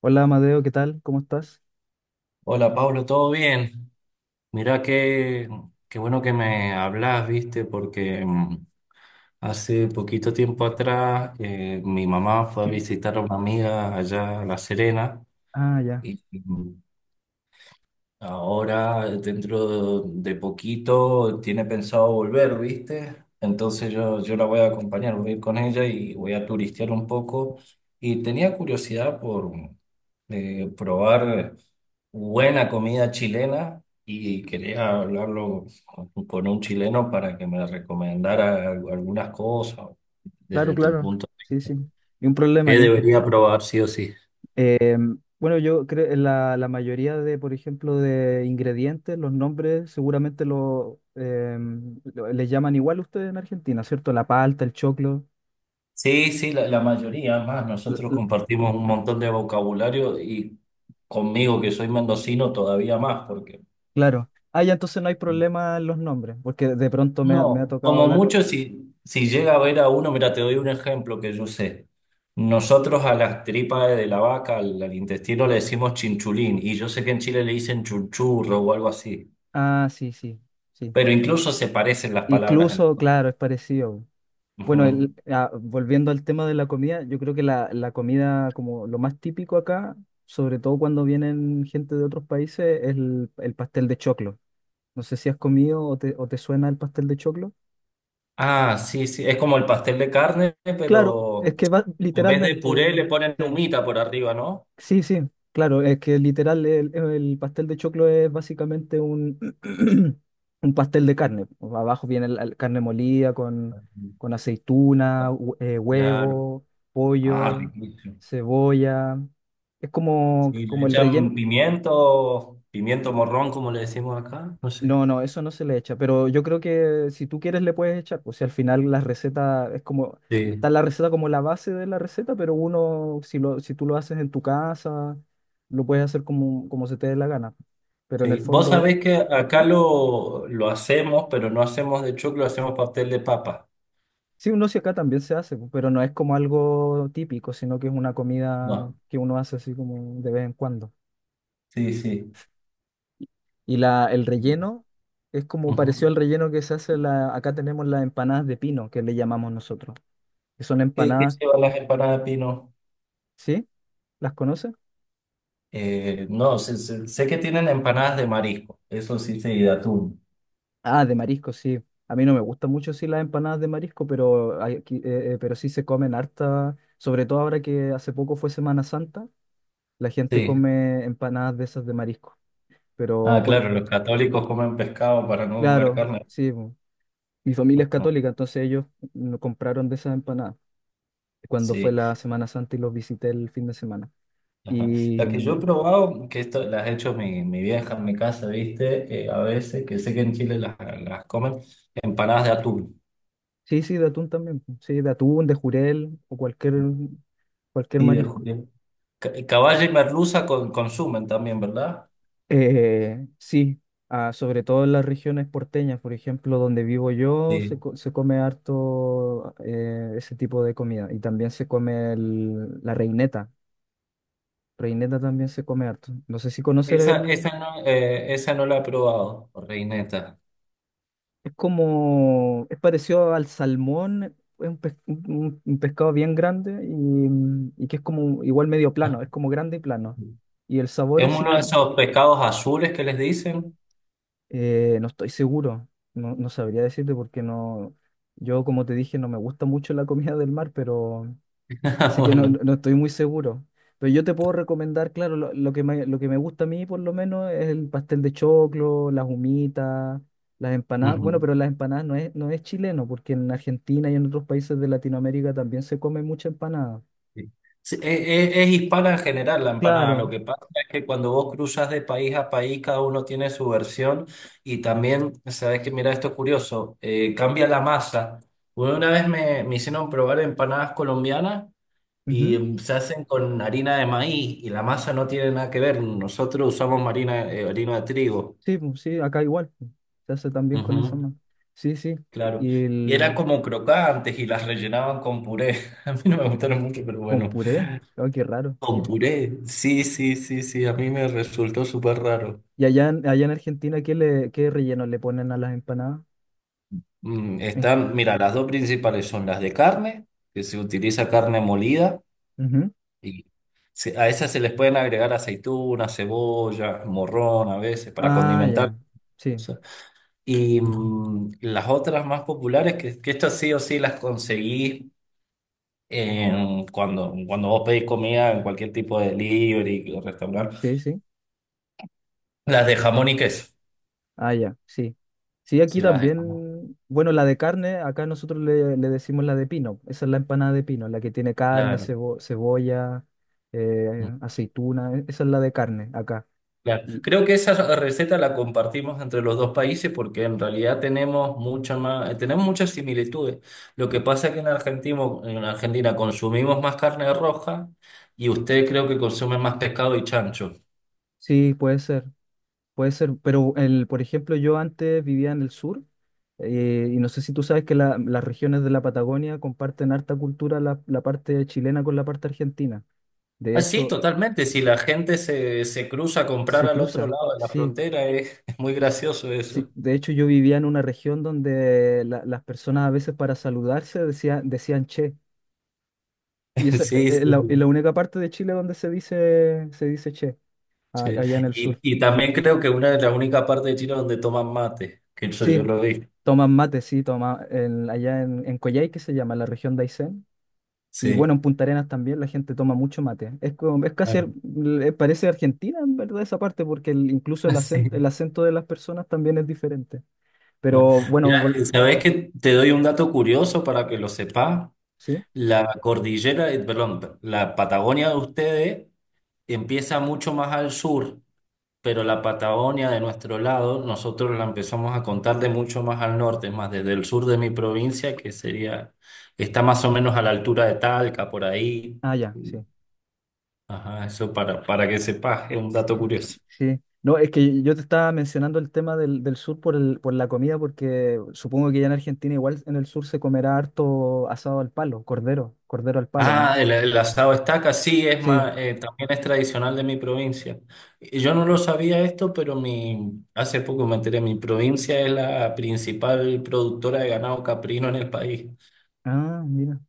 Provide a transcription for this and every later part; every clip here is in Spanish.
Hola Amadeo, ¿qué tal? ¿Cómo estás? Hola Pablo, ¿todo bien? Mirá qué bueno que me hablas, viste, porque hace poquito tiempo atrás mi mamá fue a visitar a una amiga allá a La Serena Ah, ya. y ahora, dentro de poquito, tiene pensado volver, ¿viste? Entonces yo la voy a acompañar, voy a ir con ella y voy a turistear un poco. Y tenía curiosidad por probar buena comida chilena y quería hablarlo con un chileno para que me recomendara algunas cosas Claro, desde tu claro. punto. Sí, sí. Ni un problema, ¿Qué ni un pro- debería probar sí o sí? Bueno, yo creo que la mayoría de, por ejemplo, de ingredientes, los nombres, seguramente les llaman igual ustedes en Argentina, ¿cierto? La palta, el choclo. Sí, sí, la mayoría más. la- Nosotros la- compartimos un montón de vocabulario y conmigo, que soy mendocino, todavía más, porque claro. Ah, ya, entonces no hay problema en los nombres, porque de pronto me ha no, tocado como hablar. mucho, si llega a ver a uno, mira, te doy un ejemplo que yo sé. Nosotros a las tripas de la vaca, al intestino le decimos chinchulín, y yo sé que en Chile le dicen chunchurro o algo así, Ah, sí, sí, sí. pero incluso se parecen las palabras. Incluso, claro, es parecido. Bueno, Ujú. Volviendo al tema de la comida, yo creo que la comida como lo más típico acá, sobre todo cuando vienen gente de otros países, es el pastel de choclo. No sé si has comido o te suena el pastel de choclo. Ah, sí, sí, es como el pastel de carne, Claro, es pero que va en vez de literalmente, puré le ponen sí. humita por arriba, ¿no? Sí, sí, claro, es que literal el pastel de choclo es básicamente un, un pastel de carne. Abajo viene la carne molida Claro. con aceituna, Ah, claro. huevo, Ah, pollo, riquísimo. cebolla. Es como, Sí, le como el relleno. echan pimiento, pimiento morrón, como le decimos acá. No sé. No, no, eso no se le echa, pero yo creo que si tú quieres le puedes echar, pues si al final la receta es como, Sí, está la receta como la base de la receta, pero uno, si tú lo haces en tu casa, lo puedes hacer como, como se te dé la gana. Pero en el sí. Vos fondo, sabés que acá sí. Lo hacemos, pero no hacemos de choclo, hacemos pastel de papa. Sí, uno sí acá también se hace, pues, pero no es como algo típico, sino que es una comida No. que uno hace así como de vez en cuando. Sí, sí. Y la, el relleno es como Ujú. pareció al relleno que se hace la, acá tenemos las empanadas de pino, que le llamamos nosotros, que son ¿Qué, qué empanadas. llevan las empanadas de pino? ¿Sí? ¿Las conoce? No, sé que tienen empanadas de marisco, eso sí, sí, de atún. Ah, de marisco, sí. A mí no me gustan mucho sí las empanadas de marisco, pero pero sí se comen harta, sobre todo ahora que hace poco fue Semana Santa, la gente Sí. come empanadas de esas de marisco. Pero Ah, por- claro, los católicos comen pescado para no comer claro, carne. sí, bu. Mi familia es Ajá. católica, entonces ellos no compraron de esas empanadas cuando fue Sí. la Semana Santa y los visité el fin de semana. Ajá. Y La que yo he probado, que esto las ha hecho mi vieja en mi casa, ¿viste? A veces, que sé que en Chile las comen, empanadas de atún. sí, sí, de atún también, po. Sí, de atún, de jurel o cualquier Sí, de marisco. juguete. Caballa y merluza consumen también, ¿verdad? Sí, ah, sobre todo en las regiones porteñas, por ejemplo, donde vivo yo, Sí. Se come harto ese tipo de comida. Y también se come la reineta. Reineta también se come harto. No sé si conocer Esa, el... esa no la he probado, reineta. Es como... Es parecido al salmón, es un, un pescado bien grande y que es como igual medio Ah. plano, es como grande y plano. Y el sabor Es es uno de similar. esos pescados azules que les dicen. No estoy seguro, no, no sabría decirte porque no, yo como te dije no me gusta mucho la comida del mar, pero así que no, Bueno. no estoy muy seguro. Pero yo te puedo recomendar, claro, lo que me gusta a mí por lo menos es el pastel de choclo, las humitas, las empanadas. Bueno, Ujú. pero las empanadas no es, no es chileno, porque en Argentina y en otros países de Latinoamérica también se come mucha empanada. Sí. Sí, e- Es hispana en general la empanada. Lo Claro, que pasa es que cuando vos cruzas de país a país, cada uno tiene su versión y también, sabes que mira esto es curioso, cambia la masa. Bueno, una vez me hicieron probar empanadas colombianas y ujú. Se hacen con harina de maíz y la masa no tiene nada que ver. Nosotros usamos harina, harina de trigo. Sí, pues, sí, acá igual, pues, se hace también con eso Ujú, más. Sí, sí. claro. Y Y eran el, como crocantes y las rellenaban con puré. A mí no me gustaron mucho, pero con bueno. puré. Oh, qué raro. Con puré, sí, sí, sí, sí, a mí me resultó súper raro. ¿Y allá en Argentina qué, le, qué relleno le ponen a las empanadas? Mm, Eh, están, mira, las dos principales son las de carne, que se utiliza carne molida, ujú. y a esas se les pueden agregar aceitunas, cebolla, morrón a veces, para Ah, condimentar. ya. O Sí, sea. Y las otras más populares, que estas sí o sí las conseguí cuando, cuando vos pedís comida en cualquier tipo de delivery o restaurante, sí, sí. las de jamón y queso, Ah, ya, sí. Sí, aquí sí, las de jamón, también, bueno, la de carne, acá nosotros le decimos la de pino. Esa es la empanada de pino, la que tiene carne, claro. Cebolla, aceituna. Esa es la de carne acá. Claro. Y, Creo que esa receta la compartimos entre los dos países porque en realidad tenemos mucha más, tenemos muchas similitudes. Lo que pasa es que en Argentina consumimos más carne roja y usted creo que consume más pescado y chancho. sí, puede ser. Puede ser, pero el, por ejemplo, yo antes vivía en el sur, y no sé si tú sabes que las regiones de la Patagonia comparten harta cultura la parte chilena con la parte argentina. De Ah, sí, hecho, totalmente. Si la gente se cruza a comprar se al otro cruza, lado de la sí, frontera, es muy gracioso sí. eso. De hecho, yo vivía en una región donde las personas a veces para saludarse decían che. Y esa Sí, es sí. la única parte de Chile donde se dice che, Sí. allá en el sur. Y también creo que una de las únicas partes de China donde toman mate, que eso yo Sí, lo vi. toman mate, sí, toma, allá en Coyhaique se llama, la región de Aysén. Y bueno, Sí, en Punta Arenas también la gente toma mucho mate. Es, es casi, claro. Parece Argentina en verdad esa parte, porque incluso el Sí. acento de las personas también es diferente. Pero bueno, Mira, ¿sabes que te doy un dato curioso para que lo sepas? ¿sí? La cordillera, perdón, la Patagonia de ustedes empieza mucho más al sur, pero la Patagonia de nuestro lado, nosotros la empezamos a contar de mucho más al norte, es más desde el sur de mi provincia, que sería, está más o menos a la altura de Talca, por ahí. Ah, ya, sí. Ajá, eso para que sepas, es un dato Sí. curioso. Sí. No, es que yo te estaba mencionando el tema del sur por por la comida, porque supongo que ya en Argentina igual en el sur se comerá harto asado al palo, cordero, cordero al palo, Ah, ¿no? El asado estaca, sí, es Sí. más, también es tradicional de mi provincia. Y yo no lo sabía esto, pero mi, hace poco me enteré, mi provincia es la principal productora de ganado caprino en el país. Ah, mira.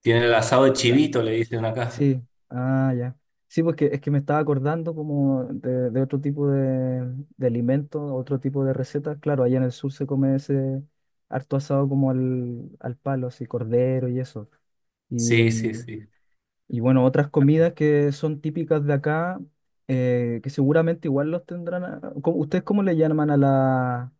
Tiene el asado de La- chivito, le dicen acá. sí, ah, ya. Sí, porque es que me estaba acordando como de otro tipo de alimentos, otro tipo de recetas. Claro, allá en el sur se come ese harto asado como al palo, así, cordero y eso. Y, Sí, sí, mm, sí. y bueno, otras comidas que son típicas de acá, que seguramente igual los tendrán. ¿Ustedes cómo le llaman a la,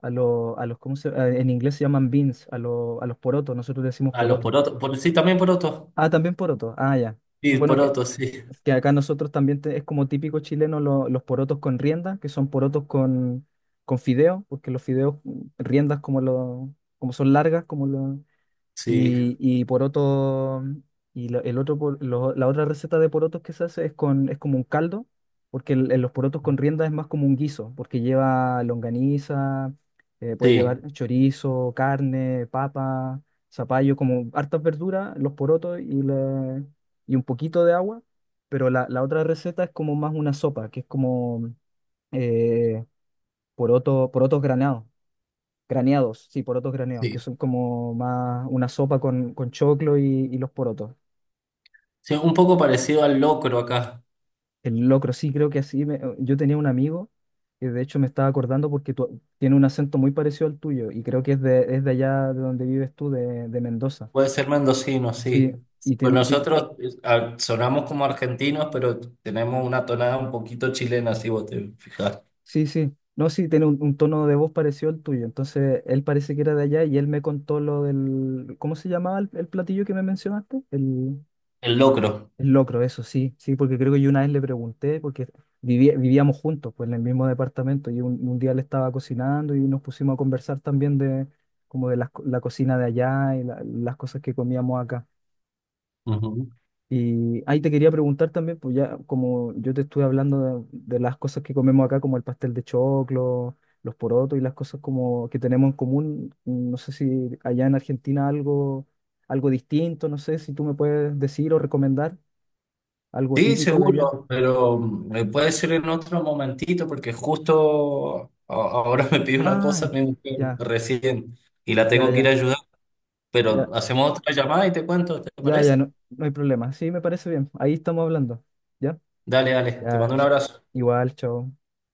a los, a los, ¿cómo en inglés se llaman beans, a los porotos, nosotros le decimos A los porotos. porotos, por, sí, también porotos. Ah, también porotos, ah, ya. Sí, Bueno, que porotos, sí, es que acá nosotros también es como típico chileno los porotos con rienda, que son porotos con fideo, porque los fideos, mm, riendas como, lo, como son largas, como lo, sí, y poroto, y la, el otro, la otra receta de porotos que se hace es, con, es como un caldo, porque los porotos con rienda es más como un guiso, porque lleva longaniza, puede llevar sí, chorizo, carne, papa, zapallo, como hartas verduras, los porotos y, y un poquito de agua, pero la otra receta es como más una sopa, que es como eh, poroto, porotos granados. Graneados, sí, porotos graneados, que sí. son como más una sopa con choclo y los porotos. Sí, un poco parecido al locro acá. El locro, sí, creo que así. Yo tenía un amigo que de hecho me estaba acordando porque tiene un acento muy parecido al tuyo y creo que es de allá de donde vives tú, de Mendoza. Puede ser mendocino, Sí, sí. y Pues tiene, nosotros ah, sonamos como argentinos, pero tenemos una tonada un poquito chilena, si vos te fijas. sí, sí, no, sí, tiene un tono de voz parecido al tuyo. Entonces, él parece que era de allá y él me contó lo del, ¿cómo se llamaba el platillo que me mencionaste? El... El locro. Es locro, eso sí, sí, porque creo que yo una vez le pregunté, porque vivíamos juntos, pues en el mismo departamento, y un día le estaba cocinando y nos pusimos a conversar también de como de las cocina de allá y las cosas que comíamos acá. Ujú. Y ahí te quería preguntar también, pues ya como yo te estuve hablando de las cosas que comemos acá, como el pastel de choclo, los porotos y las cosas como que tenemos en común, no sé si allá en Argentina algo, algo distinto, no sé si tú me puedes decir o recomendar algo Sí, típico de allá. seguro, pero puede ser en otro momentito, porque justo ahora me pide una Ah, cosa mi mujer ya, recién y la ya, tengo que ir a ya, ayudar, ya, pero hacemos otra llamada y te cuento, ¿te ya, ya, parece? no, no hay problema. Sí, me parece bien. Ahí estamos hablando. ¿Ya? Dale, dale, te Ya, mando un ch- abrazo. igual, chao.